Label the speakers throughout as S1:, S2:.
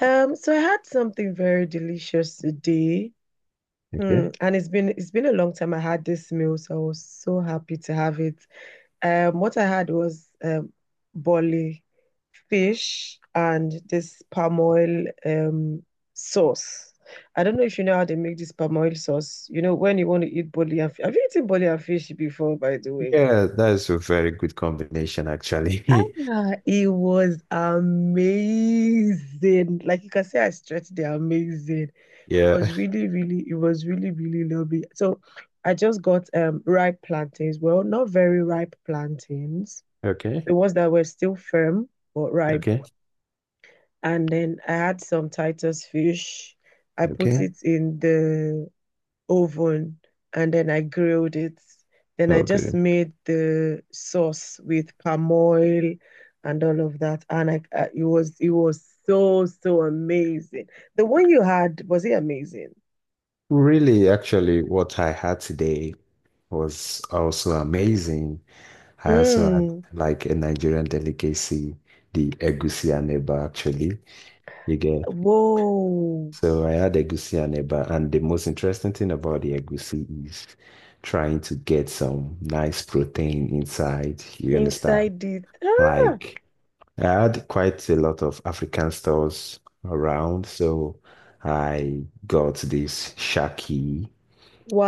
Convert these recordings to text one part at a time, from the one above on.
S1: So I had something very delicious today. Hmm.
S2: Okay.
S1: And it's been a long time I had this meal, so I was so happy to have it. What I had was boli fish and this palm oil sauce. I don't know if you know how they make this palm oil sauce. When you want to eat boli and have you eaten boli and fish before, by the way?
S2: Yeah, that's a very good combination, actually.
S1: Ah, it was amazing. Like you can say I stretched the amazing. It
S2: Yeah.
S1: was really, really, it was really, really lovely. So I just got ripe plantains. Well, not very ripe plantains.
S2: Okay.
S1: The ones that were still firm but ripe.
S2: Okay.
S1: And then I had some Titus fish. I put
S2: Okay.
S1: it in the oven and then I grilled it. Then I just
S2: Okay.
S1: made the sauce with palm oil and all of that. And it was so, so amazing. The one you had, was it amazing?
S2: Really, actually, what I had today was also amazing. I also had
S1: Mm,
S2: like a Nigerian delicacy, the egusi and eba, actually. You get
S1: whoa,
S2: So I had egusi and eba, and the most interesting thing about the egusi is trying to get some nice protein inside. You understand?
S1: inside it. Ah,
S2: Like I had quite a lot of African stores around, so I got this shaki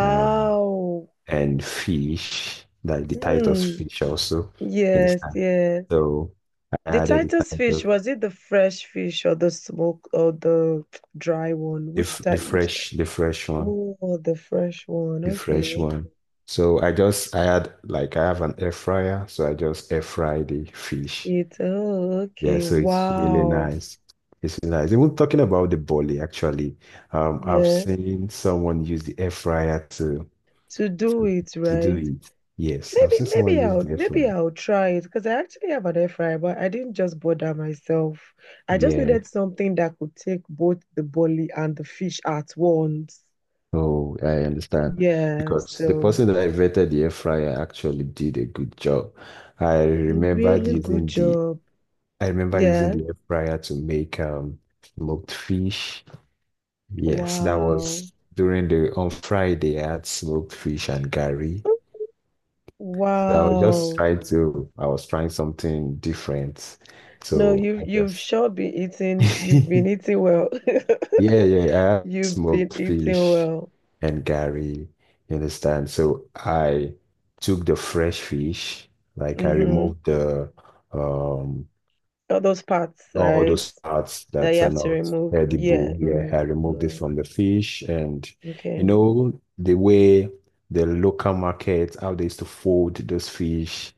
S2: um, and fish, like the Titus
S1: Mm,
S2: fish also, you
S1: yes,
S2: understand?
S1: yes.
S2: So I
S1: The
S2: added the
S1: Titus
S2: Titus,
S1: fish, was it the fresh fish or the smoke or the dry one?
S2: the,
S1: Which
S2: f- the
S1: type, which
S2: fresh, the fresh one,
S1: oh, the fresh one.
S2: the fresh
S1: Okay.
S2: one. I had like, I have an air fryer, so I just air fry the fish.
S1: Oh,
S2: Yeah,
S1: okay.
S2: so it's really
S1: Wow.
S2: nice. It's really nice. Even talking about the boli, actually, I've
S1: Yeah.
S2: seen someone use the air fryer to
S1: To do
S2: to
S1: it
S2: to do
S1: right.
S2: it. Yes, I've
S1: Maybe,
S2: seen someone
S1: maybe
S2: use
S1: I'll,
S2: the air
S1: maybe
S2: fryer.
S1: I'll try it because I actually have an air fryer, but I didn't just bother myself. I just
S2: Yeah,
S1: needed something that could take both the bully and the fish at once.
S2: so I understand
S1: Yeah.
S2: because the
S1: So,
S2: person that I vetted the air fryer actually did a good job. I
S1: a
S2: remembered
S1: really good
S2: using the
S1: job.
S2: I remember using
S1: Yeah.
S2: the air fryer to make smoked fish. Yes, that
S1: Wow.
S2: was during the on Friday I had smoked fish and curry.
S1: Wow.
S2: I was trying something different.
S1: No,
S2: So
S1: you've sure been eating. You've
S2: yeah,
S1: been eating well.
S2: yeah, I had
S1: You've been
S2: smoked
S1: eating
S2: fish
S1: well.
S2: and Gary, you understand? So I took the fresh fish, like I
S1: Mm-hmm.
S2: removed the, um,
S1: All those parts,
S2: all
S1: right?
S2: those parts
S1: That
S2: that
S1: you
S2: are
S1: have to
S2: not
S1: remove. Yeah.
S2: edible. Yeah,
S1: Mm,
S2: I removed it
S1: mm,
S2: from the fish. And,
S1: okay.
S2: the way the local market, how they used to fold those fish.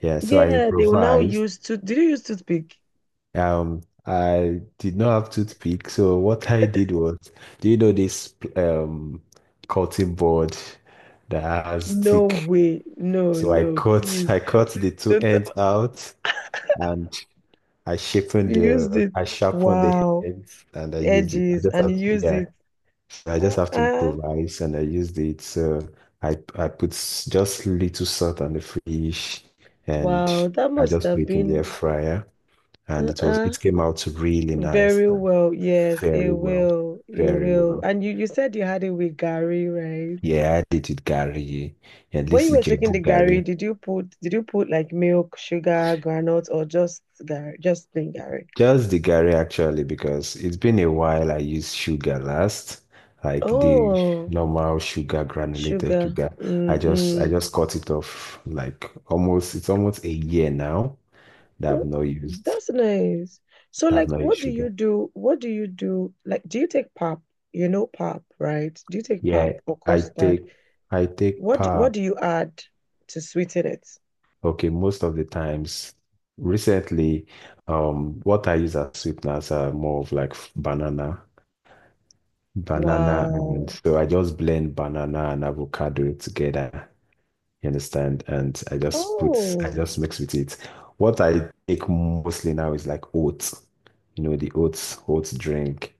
S2: Yeah, so I
S1: Yeah, they will now
S2: improvised.
S1: use tooth. Did you use toothpick?
S2: I did not have toothpick, so what I did was, do you know this cutting board that has
S1: No
S2: thick?
S1: way. No,
S2: So I
S1: no,
S2: cut
S1: please.
S2: I cut the two
S1: Don't
S2: ends out and
S1: you used it.
S2: I sharpened the
S1: Wow.
S2: ends and I used it. I
S1: Edges
S2: just
S1: and you
S2: have to,
S1: used
S2: yeah.
S1: it.
S2: So I just have to
S1: Uh-uh.
S2: improvise and I used it. So I put just little salt on the fish and
S1: Wow, that
S2: I
S1: must
S2: just put
S1: have
S2: it in the air
S1: been
S2: fryer and
S1: uh-uh.
S2: it came out really nice.
S1: Very well. Yes, it
S2: Very well.
S1: will. It
S2: Very
S1: will.
S2: well.
S1: And you said you had it with Gary, right?
S2: Yeah, I did with Gary. At
S1: When
S2: least
S1: you were taking the
S2: Ijebu
S1: Gary,
S2: Gary.
S1: did you put like milk, sugar, granules, or just Gary, just plain Gary?
S2: Just the Gary actually, because it's been a while I used sugar last, like the
S1: Oh,
S2: normal sugar, granulated
S1: sugar.
S2: sugar. I just I
S1: Mm-mm.
S2: just cut it off like almost it's almost a year now that I've
S1: Ooh,
S2: not used
S1: that's nice. So
S2: that I've
S1: like
S2: not used
S1: what do you
S2: sugar.
S1: do? What do you do? Like do you take pap? You know pap, right? Do you take pap
S2: Yeah,
S1: or
S2: I
S1: custard?
S2: take I take
S1: What do-
S2: power.
S1: what do you add to sweeten it?
S2: Okay, most of the times recently, what I use as sweeteners are more of like banana, and
S1: Wow.
S2: so I just blend banana and avocado together. You understand? And I
S1: Oh.
S2: just mix with it. What I take mostly now is like oats, the oats, oats drink.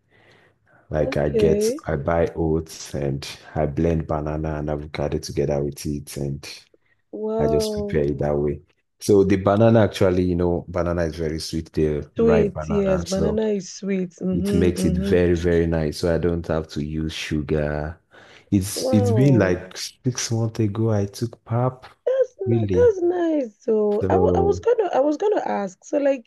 S2: Like
S1: Okay.
S2: I buy oats and I blend banana and avocado together with it, and I just prepare
S1: Wow.
S2: it that way. So the banana actually, banana is very sweet, the ripe
S1: Sweet.
S2: banana.
S1: Yes,
S2: So
S1: banana is sweet.
S2: it
S1: Mm-hmm.
S2: makes it
S1: Mm-hmm.
S2: very, very nice. So I don't have to use sugar. It's been
S1: Wow.
S2: like 6 months ago I took pap,
S1: That's not,
S2: really.
S1: that's nice though. I was
S2: So
S1: gonna I was gonna ask. So like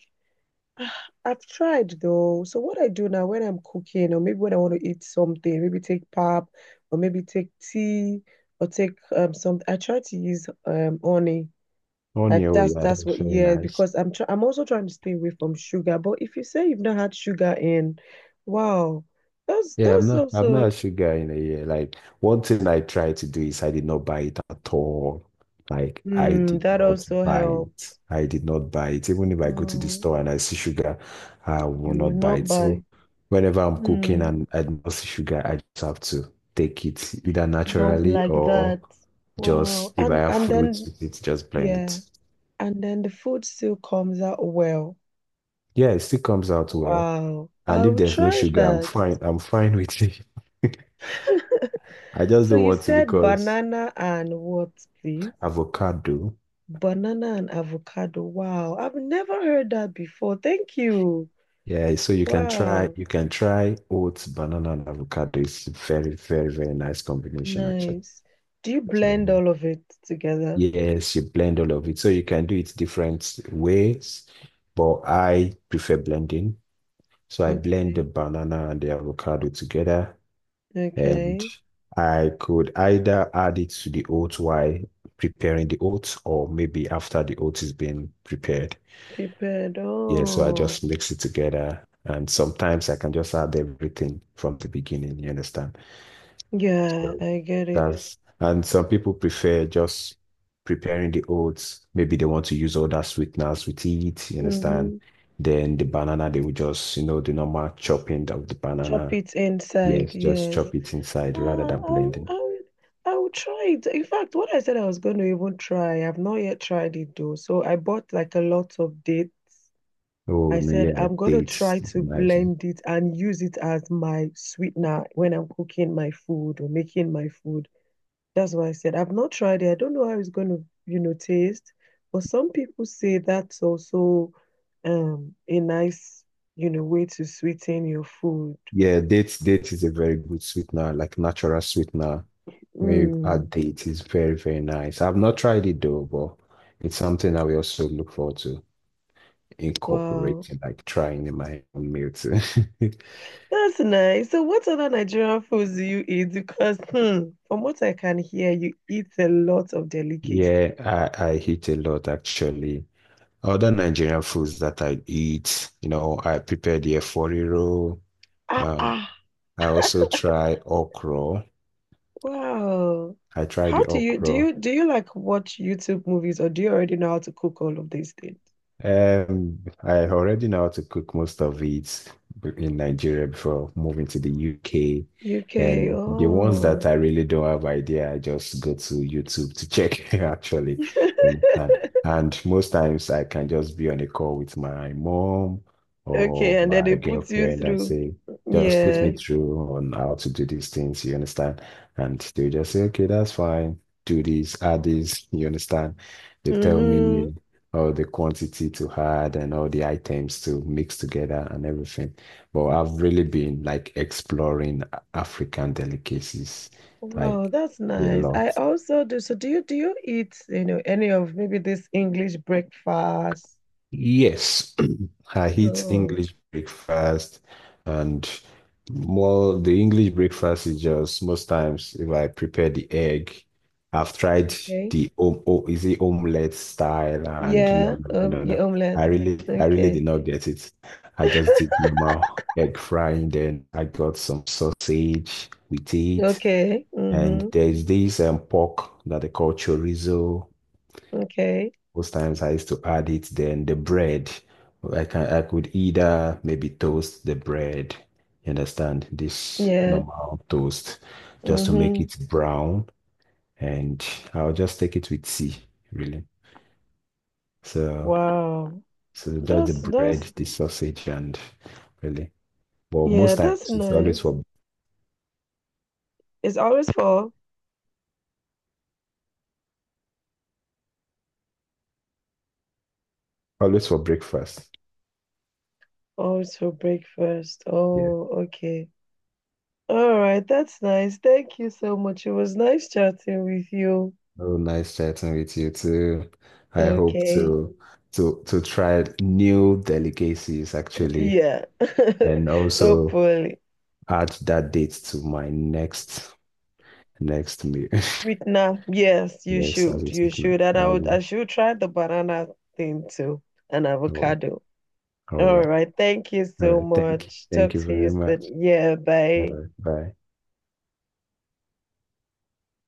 S1: I've tried though. So what I do now when I'm cooking or maybe when I want to eat something, maybe take pap or maybe take tea or take some I try to use honey.
S2: on
S1: Like
S2: your way,
S1: that's
S2: yeah,
S1: that's
S2: that's
S1: what
S2: very
S1: yeah,
S2: nice.
S1: because I'm also trying to stay away from sugar. But if you say you've not had sugar in, wow, that's
S2: Yeah,
S1: that's
S2: I'm not a
S1: also
S2: sugar in a year. Like one thing I tried to do is I did not buy it at all. Like I did
S1: that
S2: not
S1: also
S2: buy it.
S1: helped.
S2: I did not buy it. Even if I go to the
S1: Oh,
S2: store and I see sugar, I will
S1: you will
S2: not buy
S1: not
S2: it.
S1: buy.
S2: So whenever I'm cooking
S1: hmm
S2: and I do not see sugar, I just have to take it either
S1: Not
S2: naturally
S1: like
S2: or
S1: that. Wow.
S2: just if I
S1: And
S2: have fruits
S1: then
S2: with it, just blend
S1: yeah,
S2: it.
S1: and then the food still comes out well.
S2: Yeah, it still comes out well.
S1: Wow. I
S2: And if
S1: will
S2: there's no
S1: try
S2: sugar, I'm
S1: that.
S2: fine. I'm fine with it. I just
S1: So
S2: don't
S1: you
S2: want to
S1: said
S2: because
S1: banana and what, please?
S2: avocado.
S1: Banana and avocado. Wow. I've never heard that before. Thank you.
S2: Yeah, so
S1: Wow.
S2: you can try oats, banana, and avocado. It's very, very, very nice combination actually.
S1: Nice. Do you blend
S2: So,
S1: all of it together?
S2: yes, you blend all of it. So you can do it different ways, but I prefer blending. So I blend the
S1: Okay.
S2: banana and the avocado together, and
S1: Okay.
S2: I could either add it to the oats while preparing the oats, or maybe after the oats is being prepared.
S1: Prepared.
S2: Yeah, so I
S1: Oh,
S2: just mix it together. And sometimes I can just add everything from the beginning, you understand?
S1: yeah,
S2: So
S1: I get it.
S2: and some people prefer just preparing the oats. Maybe they want to use all that sweeteners with it, you understand?
S1: Mm-hmm.
S2: Then the banana, they will just, the normal chopping of the
S1: Chop
S2: banana.
S1: it inside.
S2: Yes, just
S1: Yes.
S2: chop it inside rather
S1: Ah,
S2: than
S1: I'll,
S2: blending.
S1: I'll, I'll try it. In fact, what I said I was going to even try, I've not yet tried it though. So I bought like a lot of dates.
S2: Oh,
S1: I
S2: no,
S1: said,
S2: yeah,
S1: I'm going to try
S2: dates is a
S1: to
S2: nice one.
S1: blend it and use it as my sweetener when I'm cooking my food or making my food. That's why I said, I've not tried it. I don't know how it's going to, taste. But some people say that's also a nice, way to sweeten your food.
S2: Yeah, dates is a very good sweetener, like natural sweetener. Maybe add
S1: Mm,
S2: date is very, very nice. I've not tried it though, but it's something I will also look forward to
S1: wow.
S2: incorporating, like trying in my own meal too.
S1: That's nice. So what other Nigerian foods do you eat? Because from what I can hear, you eat a lot of delicacies.
S2: Yeah, I eat a lot actually. Other Nigerian foods that I eat, I prepare the efori roll.
S1: Ah,
S2: Um,
S1: ah.
S2: I also try okra.
S1: Wow.
S2: I try
S1: How
S2: the
S1: do you do
S2: okra.
S1: you do you like watch YouTube movies or do you already know how to cook all of these things?
S2: I already know how to cook most of it in Nigeria before moving to the UK.
S1: UK.
S2: And the ones that
S1: Oh.
S2: I really don't have idea, I just go to YouTube to check actually. And and most times I can just be on a call with my mom or
S1: Okay, and then they
S2: my
S1: put you
S2: girlfriend and
S1: through.
S2: say, just put
S1: Yeah.
S2: me through on how to do these things, you understand? And they just say, okay, that's fine. Do this, add this, you understand? They tell
S1: Mm-hmm.
S2: me all the quantity to add and all the items to mix together and everything. But I've really been like exploring African delicacies like
S1: Wow, that's
S2: a
S1: nice. I
S2: lot.
S1: also do. So do you eat, any of maybe this English breakfast?
S2: Yes, I eat
S1: Oh,
S2: English breakfast and more the English breakfast is just most times if I prepare the egg, I've tried
S1: okay.
S2: the om oh, is it omelette style? And
S1: Yeah,
S2: no, no, no, no.
S1: yeah,
S2: No.
S1: omelette.
S2: I really did
S1: Okay.
S2: not get it. I just did normal egg frying, then I got some sausage with it.
S1: Okay.
S2: And
S1: Mm-hmm.
S2: there's this pork that they call chorizo.
S1: Okay.
S2: Most times I used to add it, then the bread. I could either maybe toast the bread, you understand, this
S1: Yeah.
S2: normal toast, just to make
S1: Mm-hmm.
S2: it brown, and I'll just take it with tea, really. So
S1: Wow.
S2: so just the
S1: That's
S2: bread,
S1: that's
S2: the sausage, and really. But
S1: yeah,
S2: most
S1: that's
S2: times it's always
S1: nice.
S2: for
S1: It's
S2: breakfast.
S1: always for breakfast.
S2: Yeah.
S1: Oh, okay. All right, that's nice. Thank you so much. It was nice chatting with you.
S2: Oh, nice chatting with you too. I hope
S1: Okay.
S2: to to try new delicacies actually
S1: Yeah.
S2: and also
S1: Hopefully.
S2: add that date to my next meal.
S1: Sweetener. Yes, you
S2: Yes, as
S1: should.
S2: a
S1: You
S2: signal.
S1: should. And I should try the banana thing too. And avocado.
S2: All
S1: All
S2: right.
S1: right. Thank you
S2: All
S1: so
S2: right. Thank you.
S1: much.
S2: Thank
S1: Talk
S2: you
S1: to you
S2: very much.
S1: soon. Yeah, bye.
S2: Bye. Bye.